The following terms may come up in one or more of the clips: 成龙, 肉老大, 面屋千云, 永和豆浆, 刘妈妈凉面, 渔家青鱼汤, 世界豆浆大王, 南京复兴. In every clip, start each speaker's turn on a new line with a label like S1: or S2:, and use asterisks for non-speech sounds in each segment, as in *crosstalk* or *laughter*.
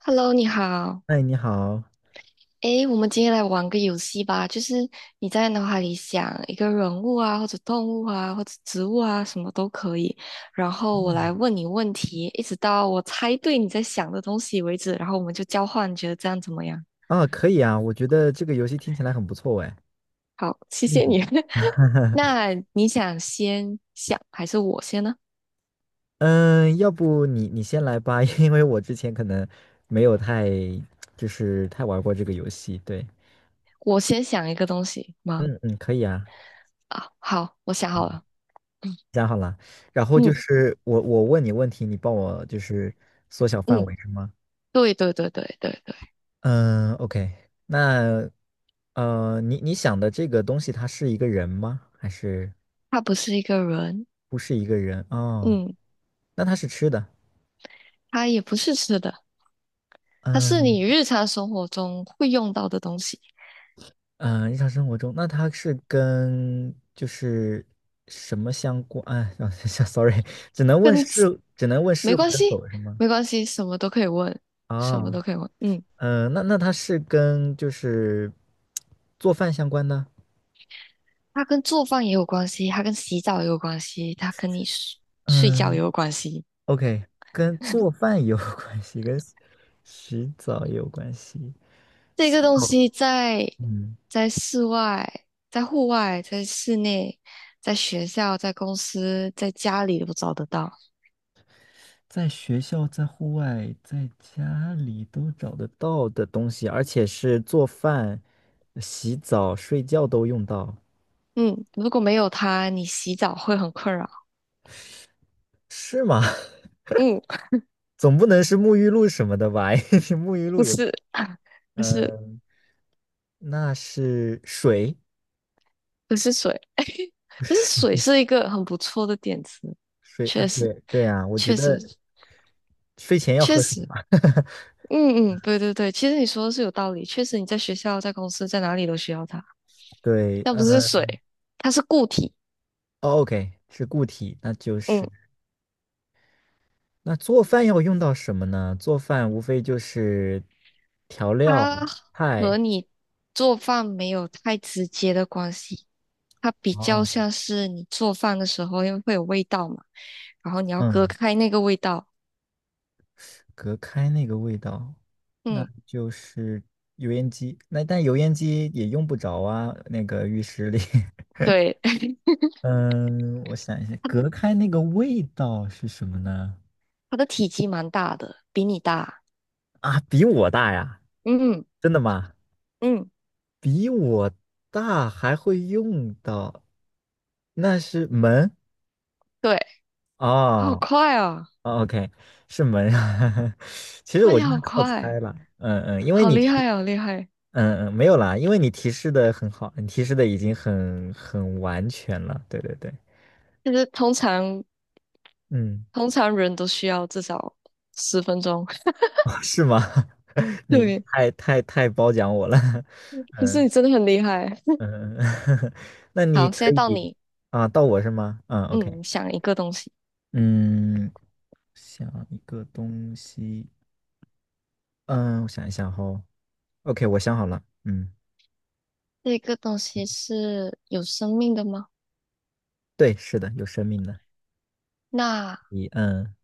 S1: Hello,你好。
S2: 哎，你好。
S1: 诶，我们今天来玩个游戏吧，就是你在脑海里想一个人物啊，或者动物啊，或者植物啊，什么都可以。然后我
S2: 嗯，
S1: 来问你问题，一直到我猜对你在想的东西为止。然后我们就交换，你觉得这样怎么样？
S2: 啊，可以啊，我觉得这个游戏听起来很不错哎。
S1: 好，谢谢
S2: 嗯
S1: 你。*laughs* 那你想先想还是我先呢？
S2: 嗯，要不你先来吧，*laughs* 因为我之前可能没有太就是太玩过这个游戏。对，
S1: 我先想一个东西吗？
S2: 嗯嗯，可以啊，
S1: 啊，好，我想好了。嗯
S2: 想好了。然后就
S1: 嗯
S2: 是我问你问题，你帮我就是缩小范
S1: 嗯，
S2: 围是吗？
S1: 对对对对对对，
S2: 嗯，OK。那你想的这个东西，它是一个人吗？
S1: 他不是一个人。
S2: 不是一个人？哦，
S1: 嗯。
S2: 那它是吃的。
S1: 它也不是吃的，它是
S2: 嗯。
S1: 你日常生活中会用到的东西，
S2: 嗯，日常生活中，那它是跟就是什么相关？哎，让 *laughs* sorry，
S1: 跟吃
S2: 只能问是
S1: 没
S2: 或
S1: 关
S2: 者
S1: 系，
S2: 否是吗？
S1: 没关系，什么都可以问，什么
S2: 啊，
S1: 都可以问。嗯，
S2: 那它是跟就是做饭相关的？
S1: 它跟做饭也有关系，它跟洗澡也有关系，它跟你睡觉也
S2: 嗯
S1: 有关系。
S2: ，OK，跟做饭有 *laughs* 关系，跟洗澡也有关系。
S1: 这个东
S2: 哦，
S1: 西在
S2: 嗯。
S1: 在室外、在户外、在室内、在学校、在公司、在家里都找得到。
S2: 在学校、在户外、在家里都找得到的东西，而且是做饭、洗澡、睡觉都用到，
S1: 嗯，如果没有它，你洗澡会很困扰。
S2: 是吗？*laughs*
S1: 嗯，
S2: 总不能是沐浴露什么的吧？*laughs* 因为沐浴
S1: 不
S2: 露也，
S1: 是，*laughs* 不是。
S2: 嗯，那是水，
S1: 不是水，*laughs* 但是水是一个很不错的点子，
S2: 水啊，
S1: 确实，
S2: 对对啊，我觉
S1: 确实，
S2: 得睡前要
S1: 确
S2: 喝水
S1: 实，
S2: 嘛。
S1: 嗯嗯，对对对，其实你说的是有道理，确实你在学校、在公司、在哪里都需要它，
S2: *laughs* 对，
S1: 但不是
S2: 嗯，
S1: 水，它是固体，
S2: 哦，OK，是固体，那就
S1: 嗯，
S2: 是。那做饭要用到什么呢？做饭无非就是调料、
S1: 它和
S2: 菜
S1: 你做饭没有太直接的关系，它比较
S2: 啊，
S1: 像是你做饭的时候，因为会有味道嘛，然后你要隔
S2: 嗯，
S1: 开那个味道，
S2: 隔开那个味道，那
S1: 嗯，
S2: 就是油烟机。那但油烟机也用不着啊，那个浴室里。*laughs*
S1: 对，*laughs*
S2: 嗯，我想一下，
S1: 它
S2: 隔开那个味道是什么呢？
S1: 它的体积蛮大的，比你大，
S2: 啊，比我大呀？
S1: 嗯
S2: 真的吗？
S1: 嗯。
S2: 比我大还会用到，那是门
S1: 对，
S2: 啊。
S1: 好
S2: 哦
S1: 快啊！
S2: 哦，OK，是门。啊。*laughs* 其实
S1: 哇，
S2: 我
S1: 你
S2: 就
S1: 好
S2: 是靠
S1: 快，
S2: 猜了，嗯嗯，因为
S1: 好
S2: 你
S1: 厉
S2: 提，
S1: 害啊，好厉害！
S2: 嗯嗯，没有啦，因为你提示的很好，你提示的已经很完全了，对对对，
S1: 就是通常
S2: 嗯，
S1: 通常人都需要至少10分钟。*laughs*
S2: *laughs* 哦是吗？*laughs* 你
S1: 对，
S2: 太太太褒奖我了，*laughs*
S1: 就是
S2: 嗯
S1: 你真的很厉害。
S2: 嗯，嗯 *laughs* 那你
S1: 好，现
S2: 可
S1: 在到
S2: 以
S1: 你，
S2: 啊，到我是吗？嗯，OK，
S1: 嗯，想一个东西，
S2: 嗯，想一个东西，嗯，我想一想哦，OK，我想好了，嗯，
S1: 这个东西是有生命的吗？
S2: 对，是的，有生命的，
S1: 那
S2: 一，嗯。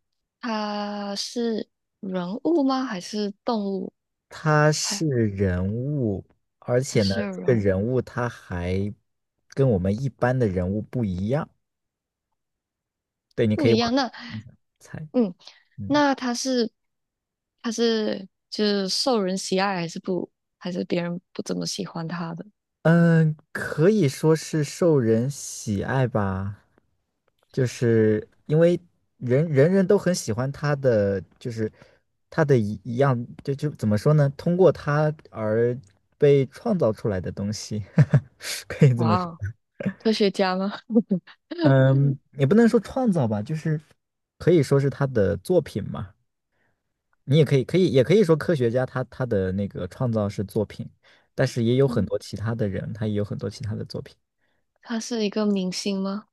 S1: 它是人物吗？还是动物？
S2: 他
S1: 还
S2: 是人物，而
S1: 它
S2: 且呢，
S1: 是
S2: 这个
S1: 人物
S2: 人物他还跟我们一般的人物不一样。对，你可
S1: 不
S2: 以
S1: 一样？
S2: 往
S1: 那
S2: 猜，
S1: 嗯，
S2: 嗯
S1: 那他是就是受人喜爱，还是别人不怎么喜欢他的？
S2: 嗯，可以说是受人喜爱吧，就是因为人人都很喜欢他的，就是他的一样，就怎么说呢？通过他而被创造出来的东西，*laughs* 可以这么
S1: 哇
S2: 说。
S1: 哦，科学家吗？*laughs*
S2: 嗯，也不能说创造吧，就是可以说是他的作品嘛。你也可以，也可以说科学家他的那个创造是作品，但是也有很
S1: 嗯，
S2: 多其他的人，他也有很多其他的作品。
S1: 他是一个明星吗？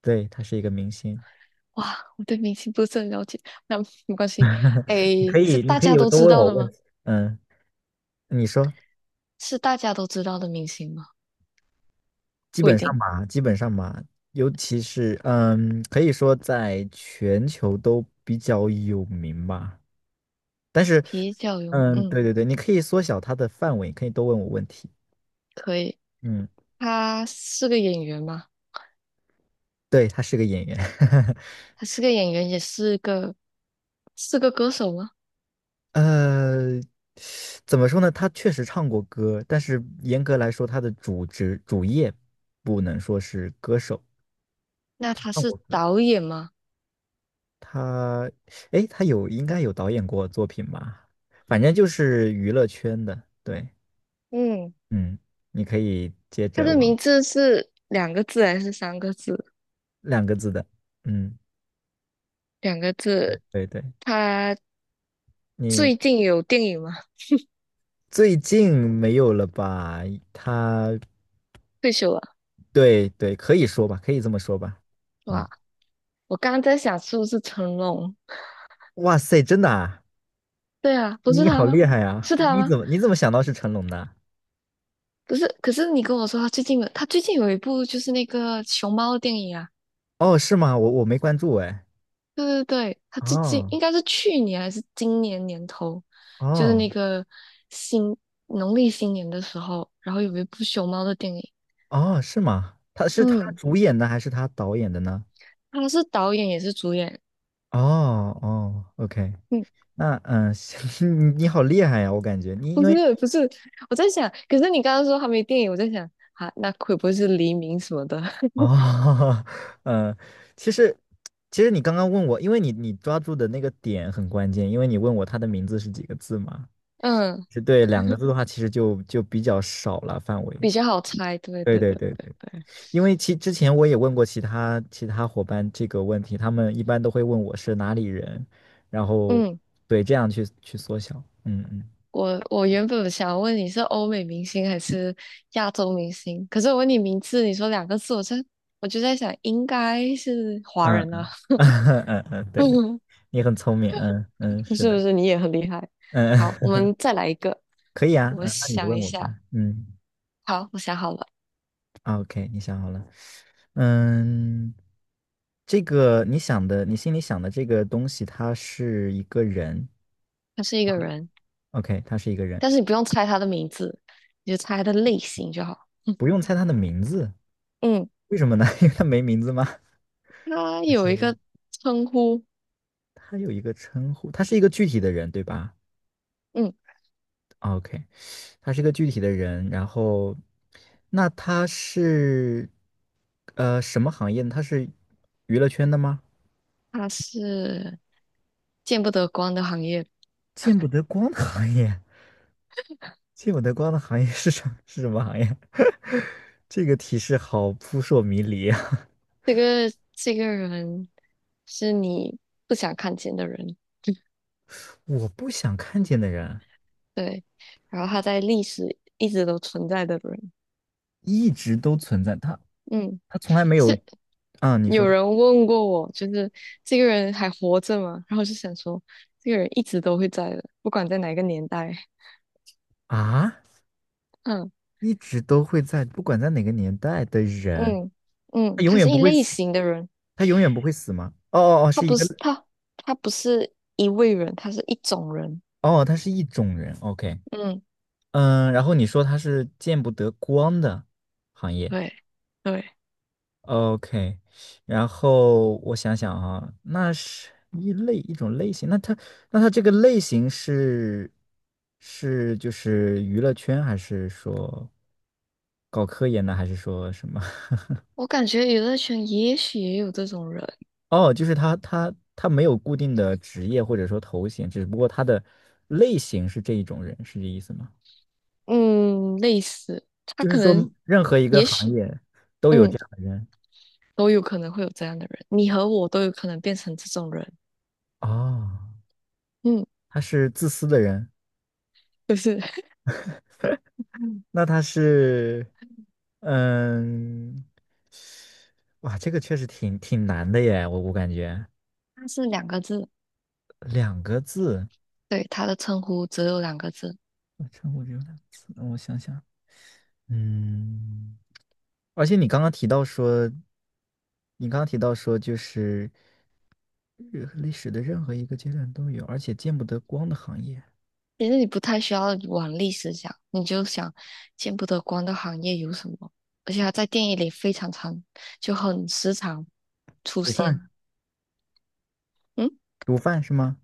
S2: 对，他是一个明星。
S1: 哇，我对明星不是很了解，那没关系。诶，是
S2: 你
S1: 大
S2: 可以
S1: 家都
S2: 多
S1: 知
S2: 问
S1: 道
S2: 我
S1: 的
S2: 问
S1: 吗？
S2: 题。嗯，你说，
S1: 是大家都知道的明星吗？
S2: 基
S1: 不一
S2: 本上
S1: 定，
S2: 吧，基本上吧，尤其是，可以说在全球都比较有名吧。但是，
S1: 比较有名。
S2: 嗯，
S1: 嗯，
S2: 对对对，你可以缩小它的范围，可以多问我问题。
S1: 可以。
S2: 嗯。
S1: 他是个演员吗？
S2: 对，他是个演员，*laughs*
S1: 他是个演员，也是个歌手吗？
S2: 呃，怎么说呢？他确实唱过歌，但是严格来说，他的主职主业不能说是歌手。
S1: 那他
S2: 唱过
S1: 是
S2: 歌，
S1: 导演吗？
S2: 他，哎，他应该有导演过作品吧？反正就是娱乐圈的。对，
S1: 嗯。
S2: 嗯，你可以接
S1: 他
S2: 着
S1: 的
S2: 往
S1: 名字是两个字还是三个字？
S2: 两个字的，嗯，
S1: 两个字。
S2: 对对对，
S1: 他最
S2: 你
S1: 近有电影吗？
S2: 最近没有了吧？他，
S1: 退休了，
S2: 对对，可以说吧，可以这么说吧，嗯。
S1: 吧？我刚刚在想是不是成龙？
S2: 哇塞，真的啊！
S1: 对啊，不是
S2: 你好
S1: 他吗？
S2: 厉害呀！
S1: 是他
S2: 你
S1: 吗？
S2: 怎么你怎么想到是成龙的啊？
S1: 不是，可是你跟我说他最近有一部就是那个熊猫的电影啊。
S2: 哦，是吗？我没关注哎。
S1: 对对对，他最近
S2: 哦
S1: 应该是去年还是今年年头，就是
S2: 哦
S1: 那个新农历新年的时候，然后有一部熊猫的电影。
S2: 哦，是吗？他是他
S1: 嗯，
S2: 主演的还是他导演的呢？
S1: 他是导演也是主演。
S2: 哦哦，OK，
S1: 嗯
S2: 那嗯，*laughs* 你好厉害呀！我感觉你
S1: 不
S2: 因为
S1: 是不是，我在想，可是你刚刚说还没电影，我在想啊，那会不会是黎明什么的？*laughs*
S2: 哦，*laughs* 嗯，其实其实你刚刚问我，因为你抓住的那个点很关键，因为你问我他的名字是几个字嘛？
S1: 嗯，
S2: 是对，两个字的话，其实就比较少了范围。
S1: 比较好猜。对
S2: 对
S1: 对
S2: 对
S1: 对
S2: 对
S1: 对
S2: 对。
S1: 对，
S2: 因为其之前我也问过其他伙伴这个问题，他们一般都会问我是哪里人，然后
S1: 嗯，
S2: 对这样去缩小。嗯嗯
S1: 我原本想问你是欧美明星还是亚洲明星，可是我问你名字，你说两个字，我就在想应该是华
S2: 嗯
S1: 人啊，
S2: 嗯 *laughs* 嗯，嗯，对
S1: *laughs*
S2: 对，你很聪明。嗯嗯，
S1: 不
S2: 是
S1: 是不
S2: 的。
S1: 是，你也很厉害。
S2: 嗯，
S1: 好，我
S2: *laughs*
S1: 们再来一个，
S2: 可以啊。
S1: 我
S2: 嗯，那你
S1: 想
S2: 问
S1: 一
S2: 我
S1: 下。
S2: 吧。嗯
S1: 好，我想好了，
S2: o k 你想好了。嗯，这个你想的，你心里想的这个东西，它是一个人。
S1: 他是一个人。
S2: OK，他是一个人，
S1: 但是你不用猜他的名字，你就猜他的类型就好。
S2: 不用猜他的名字，
S1: 嗯
S2: 为什么呢？*laughs* 因为他没名字吗？
S1: 他有一个
S2: *laughs*
S1: 称呼，
S2: 他有一个称呼，他是一个具体的人，对吧
S1: 嗯，
S2: ？OK，他是一个具体的人，然后那他是什么行业呢他是娱乐圈的吗？
S1: 他是见不得光的行业。
S2: 见不得光的行业，见不得光的行业是什么行业？*laughs* 这个提示好扑朔迷离啊！
S1: 这个人是你不想看见的人，
S2: 我不想看见的人
S1: 对。然后他在历史一直都存在的人，
S2: 一直都存在，他
S1: 嗯，
S2: 他从来没有
S1: 是
S2: 啊，你
S1: 有
S2: 说
S1: 人问过我，就是这个人还活着吗？然后我就想说，这个人一直都会在的，不管在哪个年代，
S2: 啊，
S1: *laughs* 嗯
S2: 一直都会在，不管在哪个年代的人，
S1: 嗯嗯，
S2: 他永
S1: 他
S2: 远
S1: 是
S2: 不
S1: 一
S2: 会
S1: 类
S2: 死。
S1: 型的人。
S2: 他永远不会死吗？哦哦哦，
S1: 他
S2: 是一
S1: 不
S2: 个
S1: 是他，他不是一位人，他是一种人。
S2: 哦，他是一种人。OK，
S1: 嗯，
S2: 嗯，然后你说他是见不得光的行业。
S1: 对对，
S2: OK，然后我想想啊，那是一种类型，那他这个类型是就是娱乐圈，还是说搞科研的，还是说什么？*laughs*
S1: 我感觉娱乐圈也许也有这种人，
S2: 哦，就是他没有固定的职业或者说头衔，只不过他的类型是这一种人，是这意思吗？
S1: 嗯，类似，他
S2: 就
S1: 可
S2: 是说
S1: 能，
S2: 任何一个
S1: 也
S2: 行
S1: 许，
S2: 业都有
S1: 嗯，
S2: 这样的人
S1: 都有可能会有这样的人，你和我都有可能变成这种人。
S2: 哦，
S1: 嗯，
S2: 他是自私的人，
S1: 就是
S2: 那他是，嗯，哇，这个确实挺难的耶，我感觉
S1: *laughs*，他是两个字，
S2: 两个字，
S1: 对，他的称呼只有两个字。
S2: 我称呼只有两个字，我想想，嗯，而且你刚刚提到说，就是任历史的任何一个阶段都有，而且见不得光的行业，
S1: 其实你不太需要往历史想，你就想见不得光的行业有什么，而且它在电影里非常常，就很时常出
S2: 毒
S1: 现。
S2: 贩，
S1: 嗯，
S2: 毒贩是吗？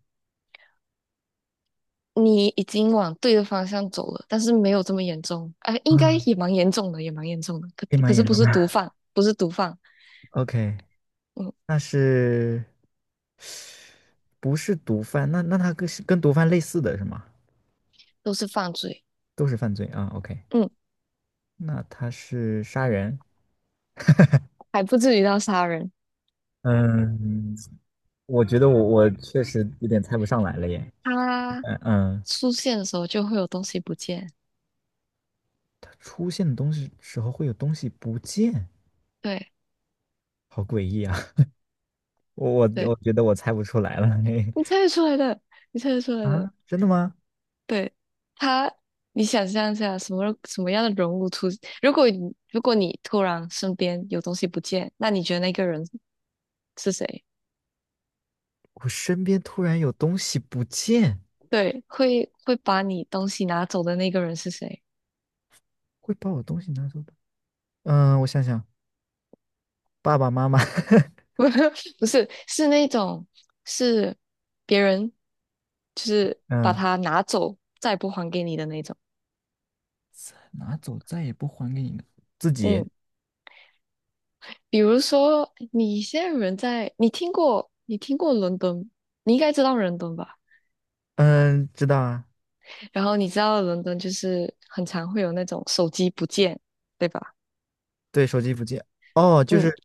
S1: 你已经往对的方向走了，但是没有这么严重，啊、应该
S2: 啊，
S1: 也蛮严重的，也蛮严重的。可
S2: 黑马
S1: 可是
S2: 演
S1: 不
S2: 唱
S1: 是毒
S2: 吧
S1: 贩，不是毒贩，
S2: OK，
S1: 嗯，
S2: 那是不是毒贩？那他是跟毒贩类似的是吗？
S1: 都是犯罪，
S2: 都是犯罪啊。OK，
S1: 嗯，
S2: 那他是杀人？
S1: 还不至于到杀人。
S2: 嗯，我觉得我确实有点猜不上来了耶。
S1: 他
S2: 嗯嗯，
S1: 出现的时候就会有东西不见，
S2: 他出现的时候会有东西不见，
S1: 对
S2: 好诡异啊！*laughs* 我我
S1: 对，
S2: 我觉得我猜不出来了。嘿
S1: 你猜得出来的，你猜得出来的。
S2: 啊，真的吗？
S1: 对他，你想象一下，什么样的人物出？如果你如果你突然身边有东西不见，那你觉得那个人是谁？
S2: 我身边突然有东西不见，
S1: 对，会把你东西拿走的那个人是谁？
S2: 会把我东西拿走的。嗯，我想想，爸爸妈妈。*laughs*
S1: *laughs* 不是，是那种是别人，就是把
S2: 嗯。
S1: 它拿走，再也不还给你的那种。
S2: 拿走再也不还给你了。自己，
S1: 嗯，比如说你现在人在，你听过伦敦，你应该知道伦敦吧？
S2: 嗯，知道啊，
S1: 然后你知道伦敦就是很常会有那种手机不见，对吧？
S2: 对，手机不见，哦，就
S1: 嗯，
S2: 是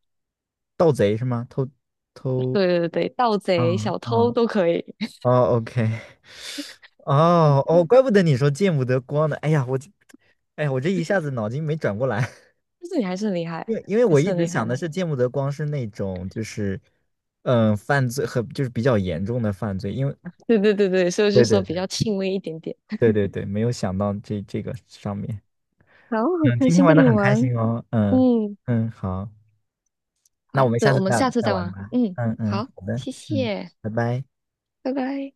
S2: 盗贼是吗？偷，
S1: 对对对，盗
S2: 啊
S1: 贼、小
S2: 啊
S1: 偷都可以，
S2: 哦，OK，*laughs*
S1: *laughs* 但
S2: 哦哦，怪不得你说见不得光呢，哎呀，我这一下子脑筋没转过来，*laughs*
S1: 是你还是很厉害，
S2: 因为
S1: 还
S2: 我
S1: 是
S2: 一
S1: 很
S2: 直
S1: 厉害
S2: 想的
S1: 的。
S2: 是见不得光是那种就是，嗯，犯罪和就是比较严重的犯罪，因为
S1: 对对对对，所以我就
S2: 对对
S1: 说比
S2: 对
S1: 较轻微一点点。
S2: 对对对，没有想到这个上面。
S1: 好，很
S2: 嗯，
S1: 开
S2: 今天
S1: 心
S2: 玩
S1: 跟
S2: 的
S1: 你
S2: 很开
S1: 玩。
S2: 心哦。嗯
S1: 嗯，
S2: 嗯，好，那我
S1: 好，
S2: 们
S1: 对，
S2: 下
S1: 我
S2: 次
S1: 们
S2: 再
S1: 下次
S2: 再
S1: 再
S2: 玩
S1: 玩。
S2: 吧。
S1: 嗯，
S2: 嗯嗯，
S1: 好，
S2: 好的，
S1: 谢
S2: 嗯，
S1: 谢，
S2: 拜拜。
S1: 拜拜。